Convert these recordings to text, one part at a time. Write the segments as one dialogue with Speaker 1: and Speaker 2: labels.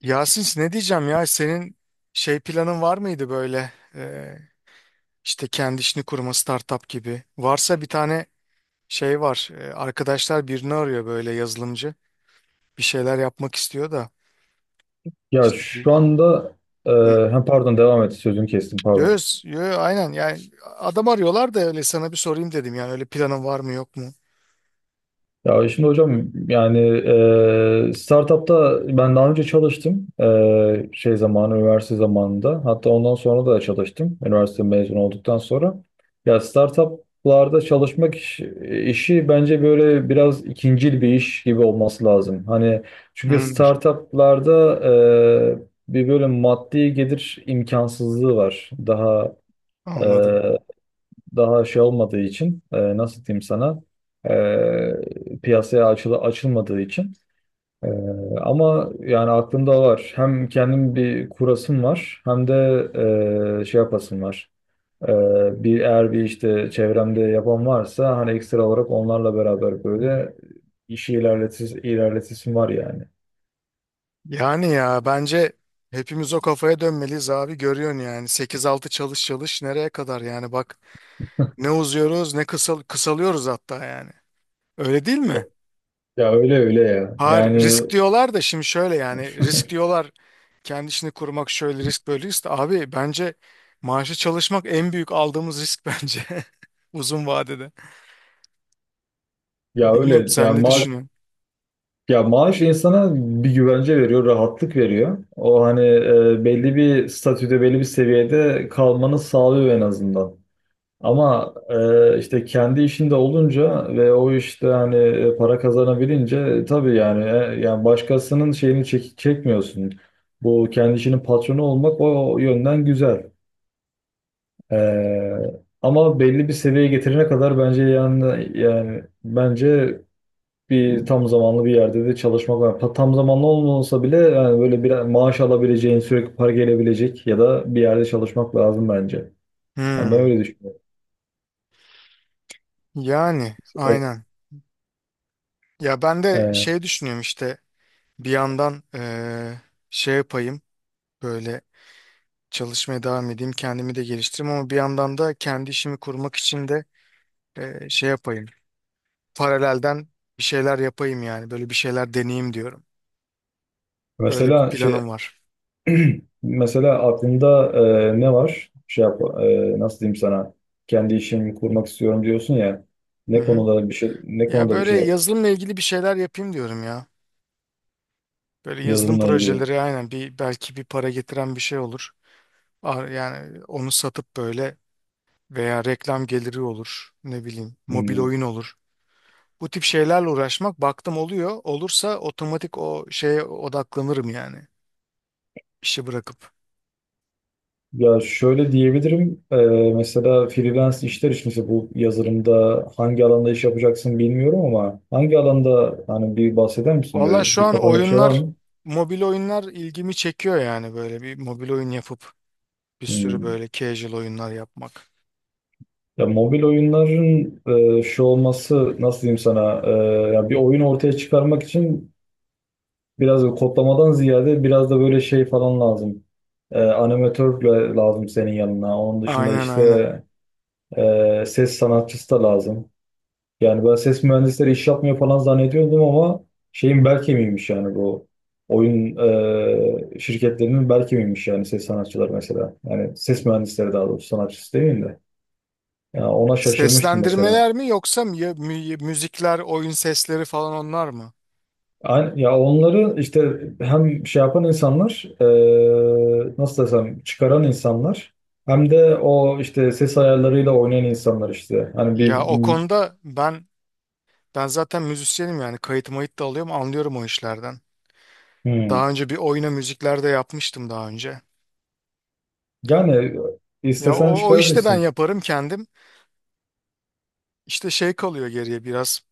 Speaker 1: Yasin, ne diyeceğim ya, senin şey, planın var mıydı böyle işte kendi işini kurma, startup gibi? Varsa, bir tane şey var, arkadaşlar birini arıyor, böyle yazılımcı bir şeyler yapmak istiyor da
Speaker 2: Ya
Speaker 1: işte bir.
Speaker 2: şu anda e,
Speaker 1: Hı.
Speaker 2: hem pardon devam et sözünü kestim pardon.
Speaker 1: Yo, yo, aynen yani adam arıyorlar da, öyle sana bir sorayım dedim, yani öyle planın var mı yok mu?
Speaker 2: Ya şimdi hocam, yani startupta ben daha önce çalıştım. Şey zamanı, üniversite zamanında, hatta ondan sonra da çalıştım, üniversite mezun olduktan sonra. Ya startuplarda çalışmak işi bence böyle biraz ikincil bir iş gibi olması lazım. Hani çünkü
Speaker 1: Hı.
Speaker 2: startuplarda bir böyle maddi gelir imkansızlığı var daha. e,
Speaker 1: Anladım.
Speaker 2: Daha şey olmadığı için, nasıl diyeyim sana, piyasaya açılmadığı için. E, Ama yani aklımda var, hem kendim bir kurasım var, hem de şey yapasım var. E, bir Eğer bir işte çevremde yapan varsa, hani ekstra olarak onlarla beraber böyle işi ilerletis ilerletisim var yani.
Speaker 1: Yani ya bence hepimiz o kafaya dönmeliyiz abi. Görüyorsun yani, sekiz altı çalış çalış, nereye kadar yani? Bak, ne uzuyoruz ne kısalıyoruz hatta yani. Öyle değil mi?
Speaker 2: Ya öyle öyle ya.
Speaker 1: Hayır,
Speaker 2: Yani
Speaker 1: risk diyorlar da, şimdi şöyle yani, risk diyorlar kendi işini kurmak şöyle risk, böyle risk, de abi bence maaşı çalışmak en büyük aldığımız risk bence, uzun vadede.
Speaker 2: ya
Speaker 1: Bilmiyorum,
Speaker 2: öyle
Speaker 1: sen
Speaker 2: yani
Speaker 1: ne
Speaker 2: maaş
Speaker 1: düşünüyorsun?
Speaker 2: Ya maaş insana bir güvence veriyor, rahatlık veriyor. O hani belli bir statüde, belli bir seviyede kalmanı sağlıyor en azından. Ama işte kendi işinde olunca ve o işte hani para kazanabilince tabii yani, yani başkasının şeyini çekmiyorsun. Bu kendi işinin patronu olmak o yönden güzel. Ama belli bir seviyeye getirene kadar bence yani yani bence bir tam zamanlı bir yerde de çalışmak var. Tam zamanlı olmasa bile yani böyle bir maaş alabileceğin, sürekli para gelebilecek ya da bir yerde çalışmak lazım bence. Yani ben
Speaker 1: Hmm,
Speaker 2: öyle düşünüyorum.
Speaker 1: yani
Speaker 2: Evet.
Speaker 1: aynen. Ya ben de
Speaker 2: Ee,
Speaker 1: şey düşünüyorum işte, bir yandan şey yapayım, böyle çalışmaya devam edeyim, kendimi de geliştireyim, ama bir yandan da kendi işimi kurmak için de şey yapayım. Paralelden bir şeyler yapayım yani. Böyle bir şeyler deneyeyim diyorum. Öyle bir
Speaker 2: Mesela şey,
Speaker 1: planım var.
Speaker 2: mesela aklında ne var? Şey yap, nasıl diyeyim sana? Kendi işimi kurmak istiyorum diyorsun ya.
Speaker 1: Hı hı.
Speaker 2: Ne
Speaker 1: Ya
Speaker 2: konuda bir
Speaker 1: böyle
Speaker 2: şey yap?
Speaker 1: yazılımla ilgili bir şeyler yapayım diyorum ya. Böyle yazılım
Speaker 2: Yazılımla ilgili.
Speaker 1: projeleri, aynen, bir belki bir para getiren bir şey olur. Yani onu satıp böyle, veya reklam geliri olur. Ne bileyim, mobil
Speaker 2: Hmm.
Speaker 1: oyun olur. Bu tip şeylerle uğraşmak, baktım oluyor, olursa otomatik o şeye odaklanırım yani. İşi bırakıp.
Speaker 2: Ya şöyle diyebilirim. Mesela freelance işler için, mesela bu yazılımda hangi alanda iş yapacaksın bilmiyorum ama hangi alanda hani bir bahseder misin,
Speaker 1: Valla
Speaker 2: böyle
Speaker 1: şu
Speaker 2: bir
Speaker 1: an
Speaker 2: kafanda bir şey var
Speaker 1: oyunlar,
Speaker 2: mı?
Speaker 1: mobil oyunlar ilgimi çekiyor yani, böyle bir mobil oyun yapıp bir sürü
Speaker 2: Hmm.
Speaker 1: böyle casual oyunlar yapmak.
Speaker 2: Ya mobil oyunların şu olması, nasıl diyeyim sana, ya bir oyun ortaya çıkarmak için biraz da kodlamadan ziyade biraz da böyle şey falan lazım. Animatör de lazım senin yanına. Onun dışında
Speaker 1: Aynen,
Speaker 2: işte
Speaker 1: aynen.
Speaker 2: ses sanatçısı da lazım. Yani ben ses mühendisleri iş yapmıyor falan zannediyordum ama şeyin bel kemiğiymiş yani, bu oyun şirketlerinin bel kemiğiymiş yani, ses sanatçılar mesela. Yani ses mühendisleri daha doğrusu, sanatçısı değil de. Yani ona şaşırmıştım mesela.
Speaker 1: Seslendirmeler mi, yoksa müzikler, oyun sesleri falan onlar mı?
Speaker 2: Aynı, ya onları işte hem şey yapan insanlar, nasıl desem, çıkaran insanlar, hem de o işte ses ayarlarıyla oynayan insanlar işte. Hani bir
Speaker 1: Ya o konuda ben, zaten müzisyenim yani, kayıt mayıt da alıyorum, anlıyorum o işlerden.
Speaker 2: hmm.
Speaker 1: Daha önce bir oyuna müzikler de yapmıştım daha önce.
Speaker 2: Yani
Speaker 1: Ya
Speaker 2: istesen
Speaker 1: o, işte ben
Speaker 2: çıkarabilirsin.
Speaker 1: yaparım kendim. İşte şey kalıyor geriye, biraz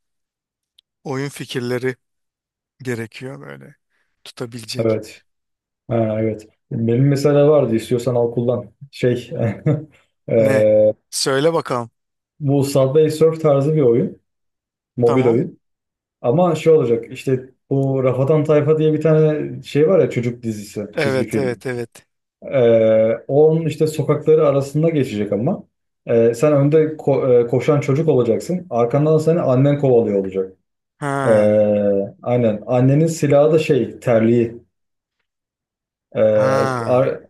Speaker 1: oyun fikirleri gerekiyor, böyle tutabilecek.
Speaker 2: Evet. Ha, evet. Benim mesela vardı, istiyorsan al kullan. Şey
Speaker 1: Ne?
Speaker 2: eee,
Speaker 1: Söyle bakalım.
Speaker 2: bu Subway Surf tarzı bir oyun. Mobil
Speaker 1: Tamam.
Speaker 2: oyun. Ama şey olacak işte, bu Rafadan Tayfa diye bir tane şey var ya, çocuk dizisi çizgi
Speaker 1: Evet,
Speaker 2: film.
Speaker 1: evet, evet.
Speaker 2: Onun işte sokakları arasında geçecek ama. Sen önde koşan çocuk olacaksın. Arkandan seni annen kovalıyor olacak.
Speaker 1: Ha.
Speaker 2: Aynen. Annenin silahı da şey, terliği. Ee,
Speaker 1: Ha.
Speaker 2: ar-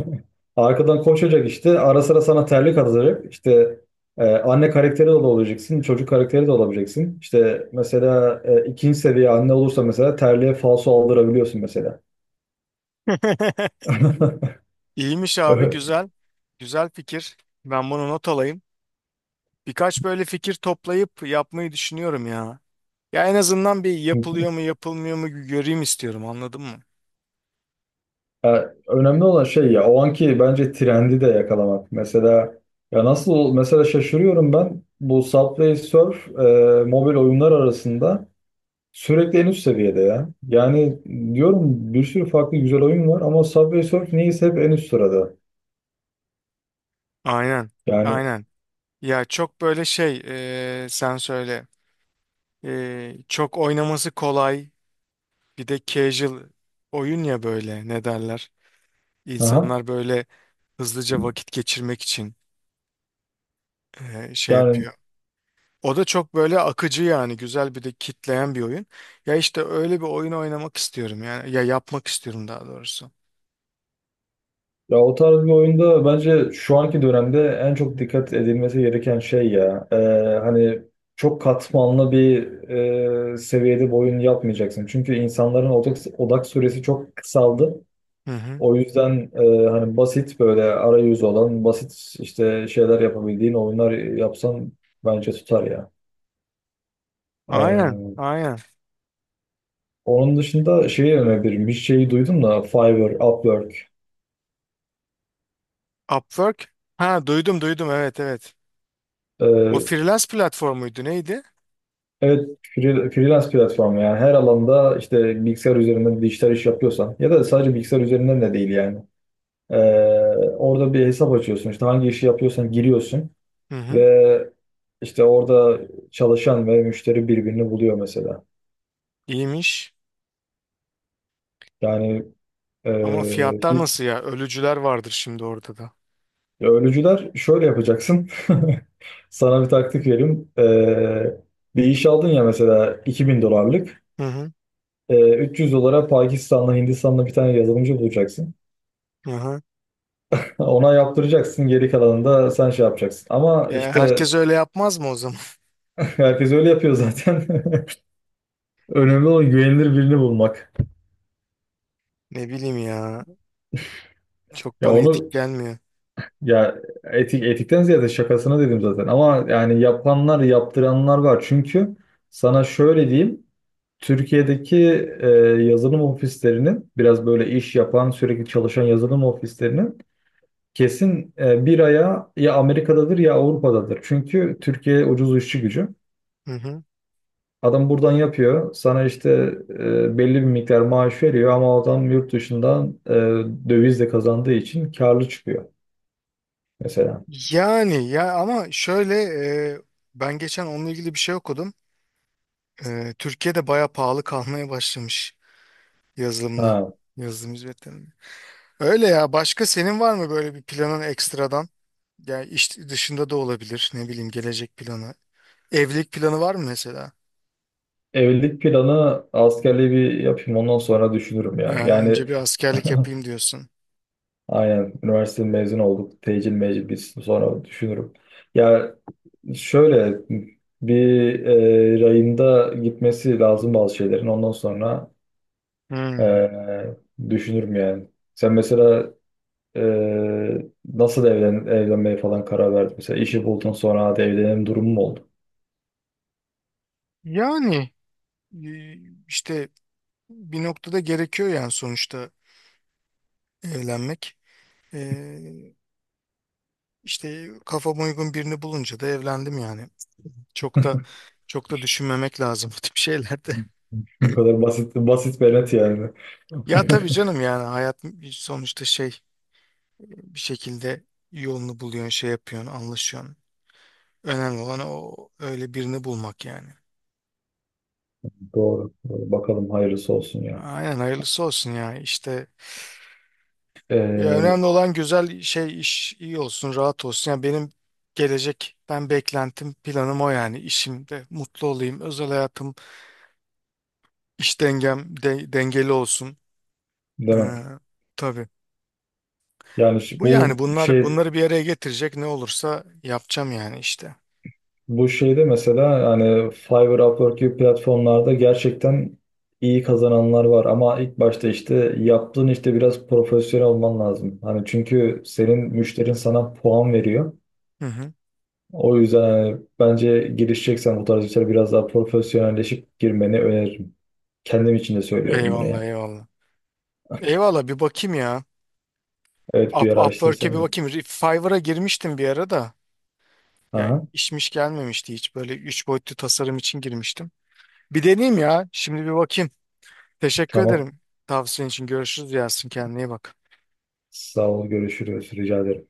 Speaker 2: arkadan koşacak işte. Ara sıra sana terlik atacak. İşte anne karakteri de olabileceksin. Çocuk karakteri de olabileceksin. İşte mesela ikinci seviye anne olursa mesela, terliğe falso aldırabiliyorsun mesela.
Speaker 1: İyiymiş abi,
Speaker 2: Ö-
Speaker 1: güzel. Güzel fikir. Ben bunu not alayım. Birkaç böyle fikir toplayıp yapmayı düşünüyorum ya. Ya en azından bir yapılıyor mu yapılmıyor mu göreyim istiyorum, anladın mı?
Speaker 2: Ya, önemli olan şey, ya o anki bence trendi de yakalamak. Mesela ya nasıl, mesela şaşırıyorum ben bu Subway Surf, mobil oyunlar arasında sürekli en üst seviyede ya. Yani diyorum bir sürü farklı güzel oyun var ama Subway Surf niyeyse hep en üst sırada.
Speaker 1: Aynen.
Speaker 2: Yani
Speaker 1: Aynen. Ya çok böyle şey, sen söyle. Çok oynaması kolay. Bir de casual oyun ya, böyle ne derler.
Speaker 2: aha,
Speaker 1: İnsanlar böyle hızlıca vakit geçirmek için şey
Speaker 2: yani
Speaker 1: yapıyor. O da çok böyle akıcı yani, güzel, bir de kitleyen bir oyun. Ya işte öyle bir oyun oynamak istiyorum yani, ya yapmak istiyorum daha doğrusu.
Speaker 2: ya o tarz bir oyunda bence şu anki dönemde en çok dikkat edilmesi gereken şey ya. Hani çok katmanlı bir seviyede bir oyun yapmayacaksın. Çünkü insanların odak süresi çok kısaldı.
Speaker 1: Hı hı.
Speaker 2: O yüzden hani basit böyle arayüz olan, basit işte şeyler yapabildiğin oyunlar yapsan bence tutar ya.
Speaker 1: Aynen,
Speaker 2: Ee,
Speaker 1: aynen.
Speaker 2: Onun dışında şeyi önerebilirim. Bir şeyi duydum da, Fiverr, Upwork.
Speaker 1: Upwork. Ha, duydum, duydum, evet, evet. O
Speaker 2: Ee,
Speaker 1: freelance platformuydu neydi?
Speaker 2: evet, freelance platformu, yani her alanda işte bilgisayar üzerinden dijital iş yapıyorsan ya da sadece bilgisayar üzerinden de değil yani. Ee, Orada bir hesap açıyorsun, işte hangi işi yapıyorsan giriyorsun
Speaker 1: Hı hı.
Speaker 2: ve işte orada çalışan ve müşteri birbirini buluyor mesela.
Speaker 1: İyiymiş.
Speaker 2: Yani e,
Speaker 1: Ama fiyatlar
Speaker 2: hi-
Speaker 1: nasıl ya? Ölücüler vardır şimdi orada da.
Speaker 2: ölücüler şöyle yapacaksın. Sana bir taktik vereyim. Bir iş aldın ya mesela, 2.000 dolarlık.
Speaker 1: Hı hı.
Speaker 2: 300 dolara Pakistan'la, Hindistan'la bir tane yazılımcı bulacaksın.
Speaker 1: Hı hı.
Speaker 2: Ona yaptıracaksın, geri kalanını da sen şey yapacaksın. Ama
Speaker 1: Ya
Speaker 2: işte
Speaker 1: herkes öyle yapmaz mı o zaman?
Speaker 2: herkes öyle yapıyor zaten. Önemli olan güvenilir birini bulmak.
Speaker 1: Ne bileyim ya. Çok
Speaker 2: Ya
Speaker 1: bana etik
Speaker 2: onu
Speaker 1: gelmiyor.
Speaker 2: ya etik, etikten ziyade şakasına dedim zaten. Ama yani yapanlar, yaptıranlar var. Çünkü sana şöyle diyeyim. Türkiye'deki e, yazılım ofislerinin biraz böyle iş yapan sürekli çalışan yazılım ofislerinin kesin bir aya ya Amerika'dadır ya Avrupa'dadır. Çünkü Türkiye ucuz işçi gücü.
Speaker 1: Hı hı.
Speaker 2: Adam buradan yapıyor. Sana işte belli bir miktar maaş veriyor ama adam yurt dışından dövizle kazandığı için karlı çıkıyor mesela.
Speaker 1: Yani ya ama şöyle, e, ben geçen onunla ilgili bir şey okudum. Türkiye'de baya pahalı kalmaya başlamış, yazılımda.
Speaker 2: Ha,
Speaker 1: Yazılım hizmetlerinde. Öyle ya. Başka senin var mı böyle bir planın ekstradan? Yani iş dışında da olabilir. Ne bileyim, gelecek planı. Evlilik planı var mı mesela?
Speaker 2: evlilik planı, askerliği bir yapayım ondan sonra düşünürüm ya.
Speaker 1: Önce
Speaker 2: Yani
Speaker 1: bir askerlik yapayım diyorsun.
Speaker 2: aynen, üniversite mezun olduk. Tecil mecil bitsin sonra düşünürüm. Ya Şöyle bir rayında gitmesi lazım bazı şeylerin. Ondan sonra
Speaker 1: Hmm.
Speaker 2: e, düşünürüm yani. Sen mesela e, nasıl evlenmeye falan karar verdin? Mesela işi buldun sonra hadi evlenelim durumu mu oldu?
Speaker 1: Yani e, işte bir noktada gerekiyor yani sonuçta, evlenmek. Ee, işte kafama uygun birini bulunca da evlendim yani. Çok da, çok da düşünmemek lazım bu tip şeylerde.
Speaker 2: Bu kadar basit, basit ve net yani.
Speaker 1: Ya tabii canım, yani hayat sonuçta şey, bir şekilde yolunu buluyorsun, şey yapıyorsun, anlaşıyorsun. Önemli olan o, öyle birini bulmak yani.
Speaker 2: Doğru. Doğru. Bakalım hayırlısı olsun ya.
Speaker 1: Aynen, hayırlısı olsun ya işte. Ya
Speaker 2: E,
Speaker 1: önemli olan güzel şey, iş iyi olsun, rahat olsun. Yani benim gelecekten beklentim, planım o yani. İşimde mutlu olayım, özel hayatım, iş dengem dengeli olsun.
Speaker 2: demem.
Speaker 1: Ee, tabii.
Speaker 2: Yani şu-
Speaker 1: Bu yani
Speaker 2: bu
Speaker 1: bunlar,
Speaker 2: şey
Speaker 1: bunları bir araya getirecek ne olursa yapacağım yani işte.
Speaker 2: Bu şeyde mesela hani Fiverr, Upwork gibi platformlarda gerçekten iyi kazananlar var, ama ilk başta işte yaptığın işte biraz profesyonel olman lazım. Hani çünkü senin müşterin sana puan veriyor.
Speaker 1: Hı hı.
Speaker 2: O yüzden hani bence girişeceksen bu tarz işlere biraz daha profesyonelleşip girmeni öneririm. Kendim için de söylüyorum bunu
Speaker 1: Eyvallah,
Speaker 2: ya.
Speaker 1: eyvallah. Eyvallah, bir bakayım ya.
Speaker 2: Evet, bir
Speaker 1: Upwork'e bir
Speaker 2: araştırırsan.
Speaker 1: bakayım. Fiverr'a girmiştim bir ara da. Ya
Speaker 2: Aha,
Speaker 1: işmiş, gelmemişti hiç. Böyle üç boyutlu tasarım için girmiştim. Bir deneyeyim ya. Şimdi bir bakayım. Teşekkür
Speaker 2: tamam.
Speaker 1: ederim tavsiyen için. Görüşürüz Yasin. Kendine iyi bak.
Speaker 2: Sağ ol, görüşürüz. Rica ederim.